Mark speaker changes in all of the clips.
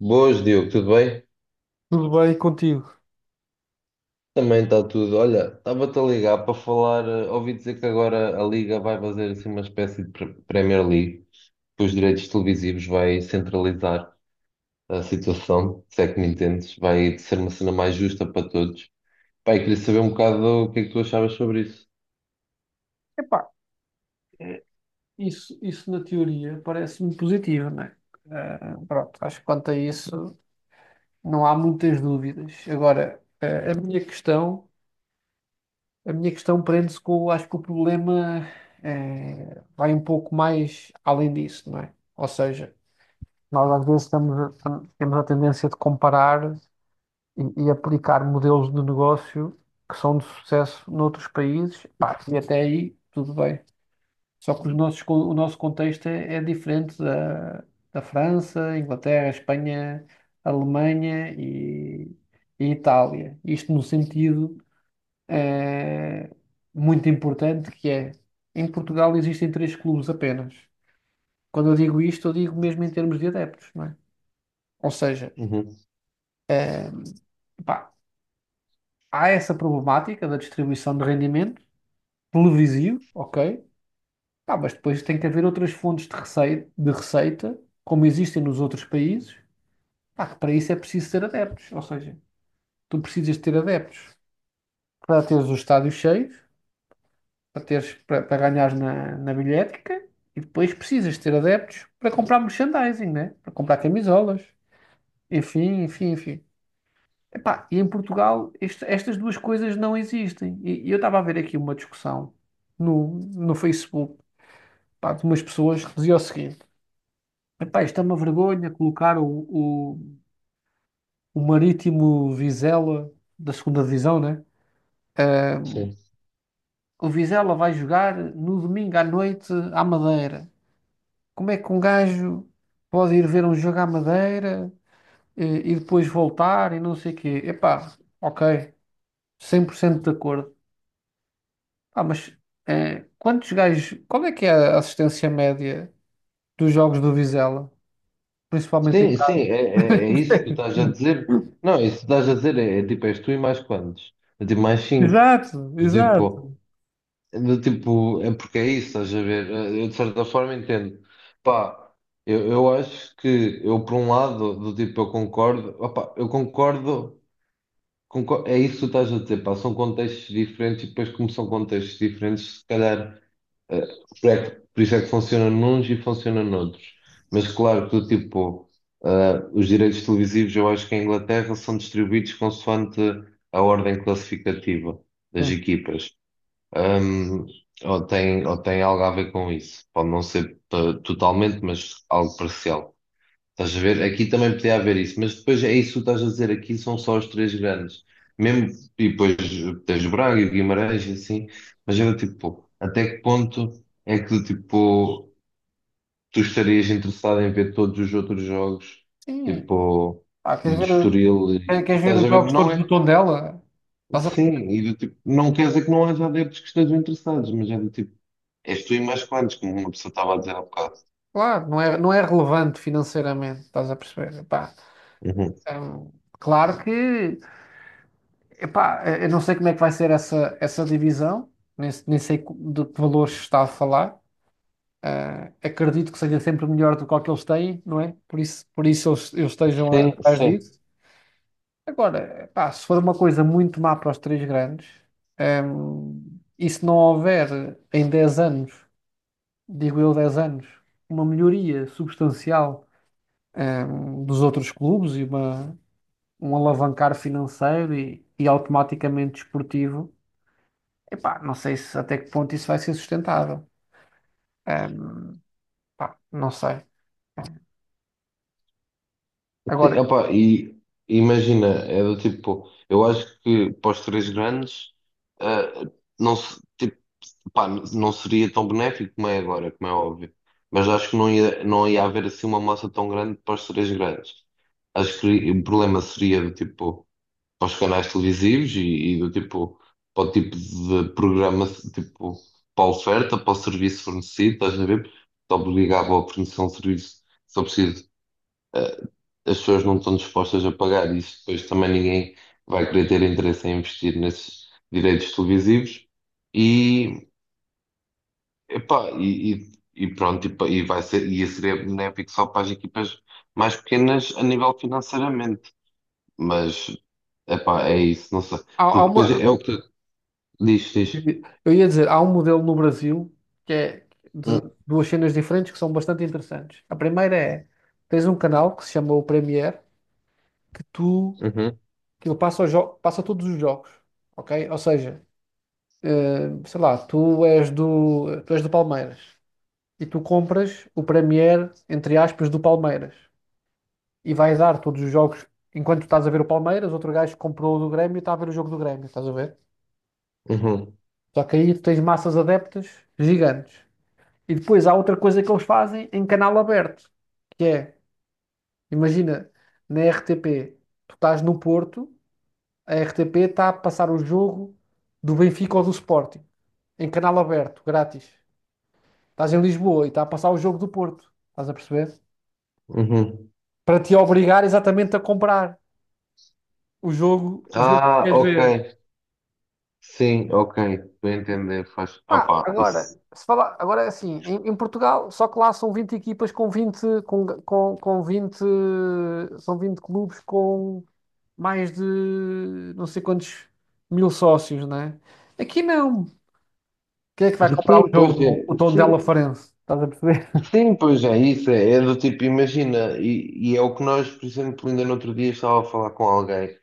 Speaker 1: Boas, Diogo, tudo bem?
Speaker 2: Tudo bem contigo?
Speaker 1: Também está tudo. Olha, estava-te a ligar para falar. Ouvi dizer que agora a Liga vai fazer assim uma espécie de Premier League, que os direitos televisivos vai centralizar a situação, se é que me entendes. Vai ser uma cena mais justa para todos. Pai, queria saber um bocado o que é que tu achavas sobre isso.
Speaker 2: Epá, isso na teoria parece-me positivo, não é? Pronto, acho que quanto a isso não há muitas dúvidas. Agora, a minha questão, prende-se com, acho que o problema vai um pouco mais além disso, não é? Ou seja, nós às vezes estamos, temos a tendência de comparar e aplicar modelos de negócio que são de sucesso noutros países, pá, e até aí tudo bem. Só que os nossos, o nosso contexto é diferente da, da França, Inglaterra, Espanha, Alemanha e Itália. Isto no sentido eh, muito importante que é, em Portugal existem três clubes apenas. Quando eu digo isto, eu digo mesmo em termos de adeptos, não é? Ou seja,
Speaker 1: Uhum.
Speaker 2: pá, há essa problemática da distribuição de rendimento televisivo, ok? Pá, mas depois tem que haver outras fontes de receita, como existem nos outros países. Pá, que para isso é preciso ter adeptos, ou seja, tu precisas de ter adeptos para teres os estádios cheios, para ganhares na, na bilhética e depois precisas de ter adeptos para comprar merchandising, né? Para comprar camisolas, enfim, enfim, enfim. Epá, e em Portugal estas duas coisas não existem. E eu estava a ver aqui uma discussão no Facebook, pá, de umas pessoas que diziam o seguinte: epá, isto é uma vergonha colocar o, o Marítimo Vizela da segunda divisão, né?
Speaker 1: Sim.
Speaker 2: O Vizela vai jogar no domingo à noite à Madeira. Como é que um gajo pode ir ver um jogo à Madeira eh, e, depois voltar e não sei o quê? Epá, ok, 100% de acordo. Ah, mas quantos gajos, qual é que é a assistência média dos jogos do Vizela? Principalmente em
Speaker 1: Sim, sim, é,
Speaker 2: casa.
Speaker 1: é, é isso que tu estás a dizer. Não, isso que tu estás a dizer é, é tipo, és tu e mais quantos? É tipo, mais cinco.
Speaker 2: Exato,
Speaker 1: Eu digo,
Speaker 2: exato.
Speaker 1: do tipo, é porque é isso, estás a ver? Eu de certa forma entendo. Pá, eu acho que eu por um lado, do tipo, eu concordo, opá, eu concordo, é isso que tu estás a dizer, pá, são contextos diferentes e depois como são contextos diferentes, se calhar, eh, por isso é que funciona nuns e funciona noutros. Mas claro que do tipo, eh, os direitos televisivos eu acho que em Inglaterra são distribuídos consoante a ordem classificativa das
Speaker 2: Sim.
Speaker 1: equipas. Hum, ou tem algo a ver com isso. Pode não ser totalmente, mas algo parcial. Estás a ver? Aqui também podia haver isso, mas depois é isso que tu estás a dizer. Aqui são só os três grandes. Mesmo, e depois tens o Braga e o Guimarães e assim. Mas era tipo, até que ponto é que tipo, tu estarias interessado em ver todos os outros jogos?
Speaker 2: Sim.
Speaker 1: Tipo,
Speaker 2: Ah, queres
Speaker 1: do
Speaker 2: ver,
Speaker 1: Estoril.
Speaker 2: eh, queres ver
Speaker 1: Estás
Speaker 2: os
Speaker 1: a ver?
Speaker 2: jogos
Speaker 1: Não
Speaker 2: todos
Speaker 1: é.
Speaker 2: do Tondela? Estás a.
Speaker 1: Sim, e do tipo, não quer dizer que não haja adeptos que estejam interessados, mas é do tipo. És tu e mais quantos, como uma pessoa estava a dizer há bocado.
Speaker 2: Claro, não é? Não é relevante financeiramente, estás a perceber? Epá,
Speaker 1: Uhum.
Speaker 2: hum, claro que, epá, eu não sei como é que vai ser essa divisão, nem sei de que valores está a falar. Ah, acredito que seja sempre melhor do que o que eles têm, não é? Por isso, eles estejam
Speaker 1: Sim,
Speaker 2: atrás
Speaker 1: sim.
Speaker 2: disso. Agora, epá, se for uma coisa muito má para os três grandes, e se não houver em 10 anos, digo eu 10 anos, uma melhoria substancial. Dos outros clubes e um alavancar financeiro e automaticamente desportivo. Epá, não sei se até que ponto isso vai ser sustentável. Ehm, pá, não sei.
Speaker 1: Sim,
Speaker 2: Agora,
Speaker 1: opa, e imagina, é do tipo, eu acho que para os três grandes, ah, não, tipo, pá, não seria tão benéfico como é agora, como é óbvio. Mas acho que não ia haver assim uma massa tão grande para os três grandes. Acho que o problema seria do tipo, para os canais televisivos e do tipo, para o tipo de programa, tipo, para a oferta, para o serviço fornecido, estás a ver? Te obrigava a fornecer um serviço só preciso. eh, As pessoas não estão dispostas a pagar isso, depois também ninguém vai querer ter interesse em investir nesses direitos televisivos e, epá, e pronto, e vai ser, e isso seria benéfico só para as equipas mais pequenas a nível financeiramente, mas epá, é isso, não sei.
Speaker 2: há, há
Speaker 1: Porque depois
Speaker 2: uma,
Speaker 1: é o que. Diz, diz.
Speaker 2: eu ia dizer, há um modelo no Brasil que é de
Speaker 1: Hum.
Speaker 2: duas cenas diferentes que são bastante interessantes. A primeira é, tens um canal que se chama o Premier, que tu,
Speaker 1: Uhum,
Speaker 2: que ele passa, passa todos os jogos, ok? Ou seja, sei lá, tu és do Palmeiras. E tu compras o Premier, entre aspas, do Palmeiras. E vais dar todos os jogos, enquanto tu estás a ver o Palmeiras, outro gajo comprou o do Grêmio e está a ver o jogo do Grêmio, estás a ver?
Speaker 1: uhum,
Speaker 2: Só que aí tu tens massas adeptas gigantes. E depois há outra coisa que eles fazem em canal aberto, que é, imagina, na RTP, tu estás no Porto, a RTP está a passar o jogo do Benfica ou do Sporting, em canal aberto, grátis. Estás em Lisboa e está a passar o jogo do Porto, estás a perceber?
Speaker 1: uhum.
Speaker 2: Para te obrigar exatamente a comprar. O jogo que
Speaker 1: Ah,
Speaker 2: queres
Speaker 1: ok.
Speaker 2: ver.
Speaker 1: Sim, ok. Estou a entender. Faz.
Speaker 2: Pá,
Speaker 1: Opá,
Speaker 2: agora,
Speaker 1: isso.
Speaker 2: se falar, agora é assim, em Portugal, só que lá são 20 equipas com 20 com 20 são 20 clubes com mais de não sei quantos mil sócios, né? Aqui não. Quem é que vai comprar
Speaker 1: Sim,
Speaker 2: o
Speaker 1: pois é.
Speaker 2: jogo? O
Speaker 1: Sim,
Speaker 2: Tondela Farense, estás a perceber?
Speaker 1: sim, pois é. Isso é, é do tipo, imagina. E é o que nós, por exemplo, ainda no outro dia estava a falar com alguém.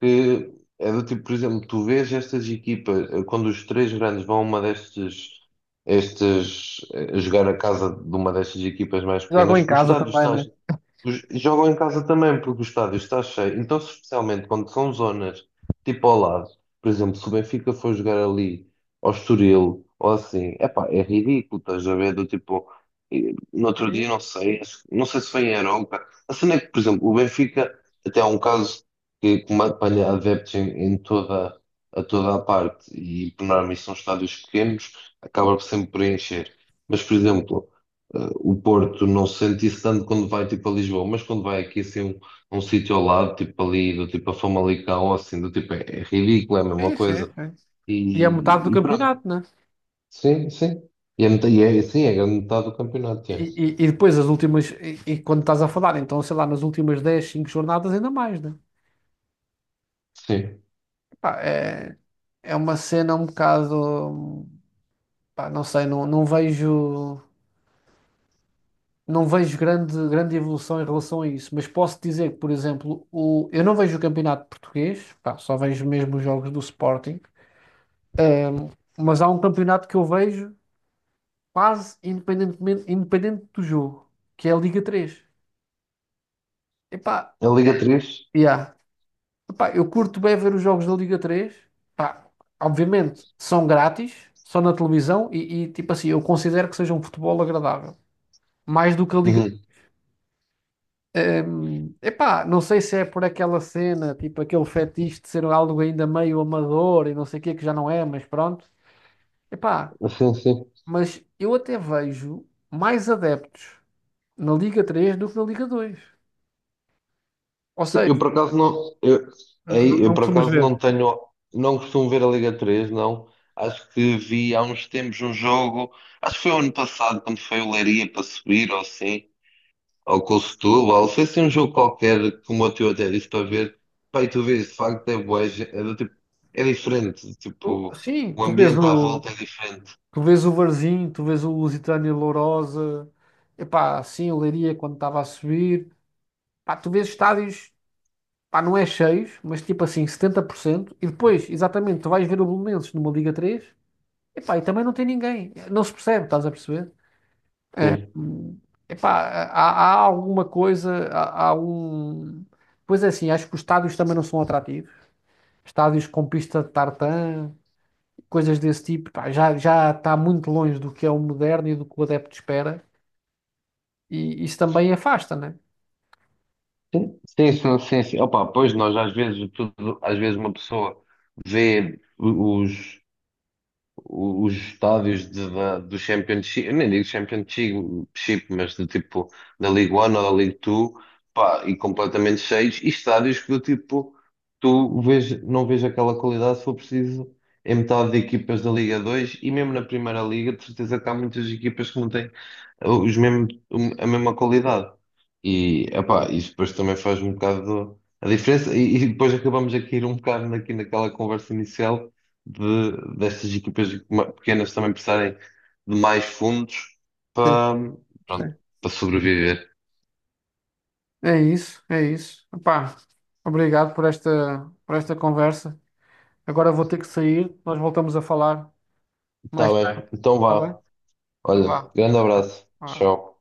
Speaker 1: Que é do tipo, por exemplo, tu vês estas equipas, quando os três grandes vão a uma destes. Estes, jogar a casa de uma destas equipas mais
Speaker 2: Jogam em
Speaker 1: pequenas, o
Speaker 2: casa
Speaker 1: estádio
Speaker 2: também,
Speaker 1: está.
Speaker 2: né?
Speaker 1: Jogam em casa também, porque o estádio está cheio. Então, se especialmente quando são zonas tipo ao lado, por exemplo, se o Benfica for jogar ali ao Estoril ou assim, epá, é ridículo, estás a ver? Do tipo, no outro dia,
Speaker 2: Sim,
Speaker 1: não sei, não sei se foi em Arouca. A cena é que, por exemplo, o Benfica até há um caso que apanha adeptos em, em toda, a toda a parte e, por norma, isso são estádios pequenos, acaba sempre por encher. Mas, por exemplo. O Porto não se sente isso tanto quando vai tipo a Lisboa, mas quando vai aqui assim um, um sítio ao lado, tipo ali, do tipo a Famalicão, ou assim, do tipo é, é ridículo, é a mesma
Speaker 2: sim, sim,
Speaker 1: coisa.
Speaker 2: sim. E é metade do
Speaker 1: E, e pronto,
Speaker 2: campeonato, né?
Speaker 1: sim, sim. E é, e é, sim, é a grande metade do campeonato,
Speaker 2: E,
Speaker 1: é.
Speaker 2: e depois e quando estás a falar, então sei lá, nas últimas 10 5 jornadas ainda mais, né?
Speaker 1: Sim.
Speaker 2: Pá, é uma cena um bocado, pá, não sei, não vejo grande, grande evolução em relação a isso, mas posso dizer que, por exemplo, eu não vejo o campeonato português, pá, só vejo mesmo os jogos do Sporting, mas há um campeonato que eu vejo quase independente do jogo, que é a Liga 3. Epá,
Speaker 1: A Liga 3.
Speaker 2: yeah. Epá, eu curto bem ver os jogos da Liga 3. Pá, obviamente são grátis, são na televisão e tipo assim, eu considero que seja um futebol agradável, mais do que a Liga.
Speaker 1: Uhum.
Speaker 2: Epá, não sei se é por aquela cena, tipo aquele fetiche de ser algo ainda meio amador e não sei o que, que já não é, mas pronto. Epá,
Speaker 1: Sim, sim.
Speaker 2: mas eu até vejo mais adeptos na Liga 3 do que na Liga 2. Ou
Speaker 1: Sim,
Speaker 2: seja,
Speaker 1: eu por acaso não, eu, aí, eu
Speaker 2: não
Speaker 1: por
Speaker 2: costumas
Speaker 1: acaso não
Speaker 2: ver.
Speaker 1: tenho, não costumo ver a Liga 3 não. Acho que vi há uns tempos um jogo, acho que foi o ano passado, quando foi o Leiria para subir ou assim, ao Costulo, ou sei se é um jogo qualquer, como o teu até disse para ver, pá, e tu vês, de facto é bué, é, do tipo, é diferente, tipo,
Speaker 2: Sim,
Speaker 1: o ambiente à volta é diferente.
Speaker 2: tu vês o Varzim, tu vês o Lusitânia Lourosa, epá, sim, o Leiria quando estava a subir. Pá, tu vês estádios, pá, não é cheios, mas tipo assim, 70%. E depois, exatamente, tu vais ver o Belenenses numa Liga 3. Epá, e também não tem ninguém. Não se percebe, estás a perceber?
Speaker 1: Sim,
Speaker 2: Hum, Epá, há, há alguma coisa, há um. Pois é assim, acho que os estádios também não são atrativos. Estádios com pista de tartan, coisas desse tipo, pá, já, já está muito longe do que é o moderno e do que o adepto espera. E isso também afasta, né?
Speaker 1: sim, sim, sim, sim, sim. Opa, pois nós às vezes, tudo, às vezes uma pessoa vê os, os estádios do Championship, eu nem digo Championship, mas do tipo da League One ou da League Two, pá, e completamente cheios, e estádios que do tipo tu vês, não vês aquela qualidade se for preciso em metade de equipas da Liga 2 e mesmo na Primeira Liga, de certeza que há muitas equipas que não têm os mesmo, a mesma qualidade. E epá, isso depois também faz um bocado a diferença, e depois acabamos aqui ir um bocado aqui naquela conversa inicial de, destas equipas pequenas também precisarem de mais fundos
Speaker 2: Sim,
Speaker 1: para,
Speaker 2: sim.
Speaker 1: pronto, para sobreviver.
Speaker 2: É isso, é isso. Epá, obrigado por esta, conversa. Agora vou ter que sair. Nós voltamos a falar
Speaker 1: Tá
Speaker 2: mais tarde,
Speaker 1: bem, então
Speaker 2: está bem?
Speaker 1: vá.
Speaker 2: Então
Speaker 1: Olha,
Speaker 2: vá.
Speaker 1: grande
Speaker 2: Ah,
Speaker 1: abraço.
Speaker 2: ah.
Speaker 1: Tchau.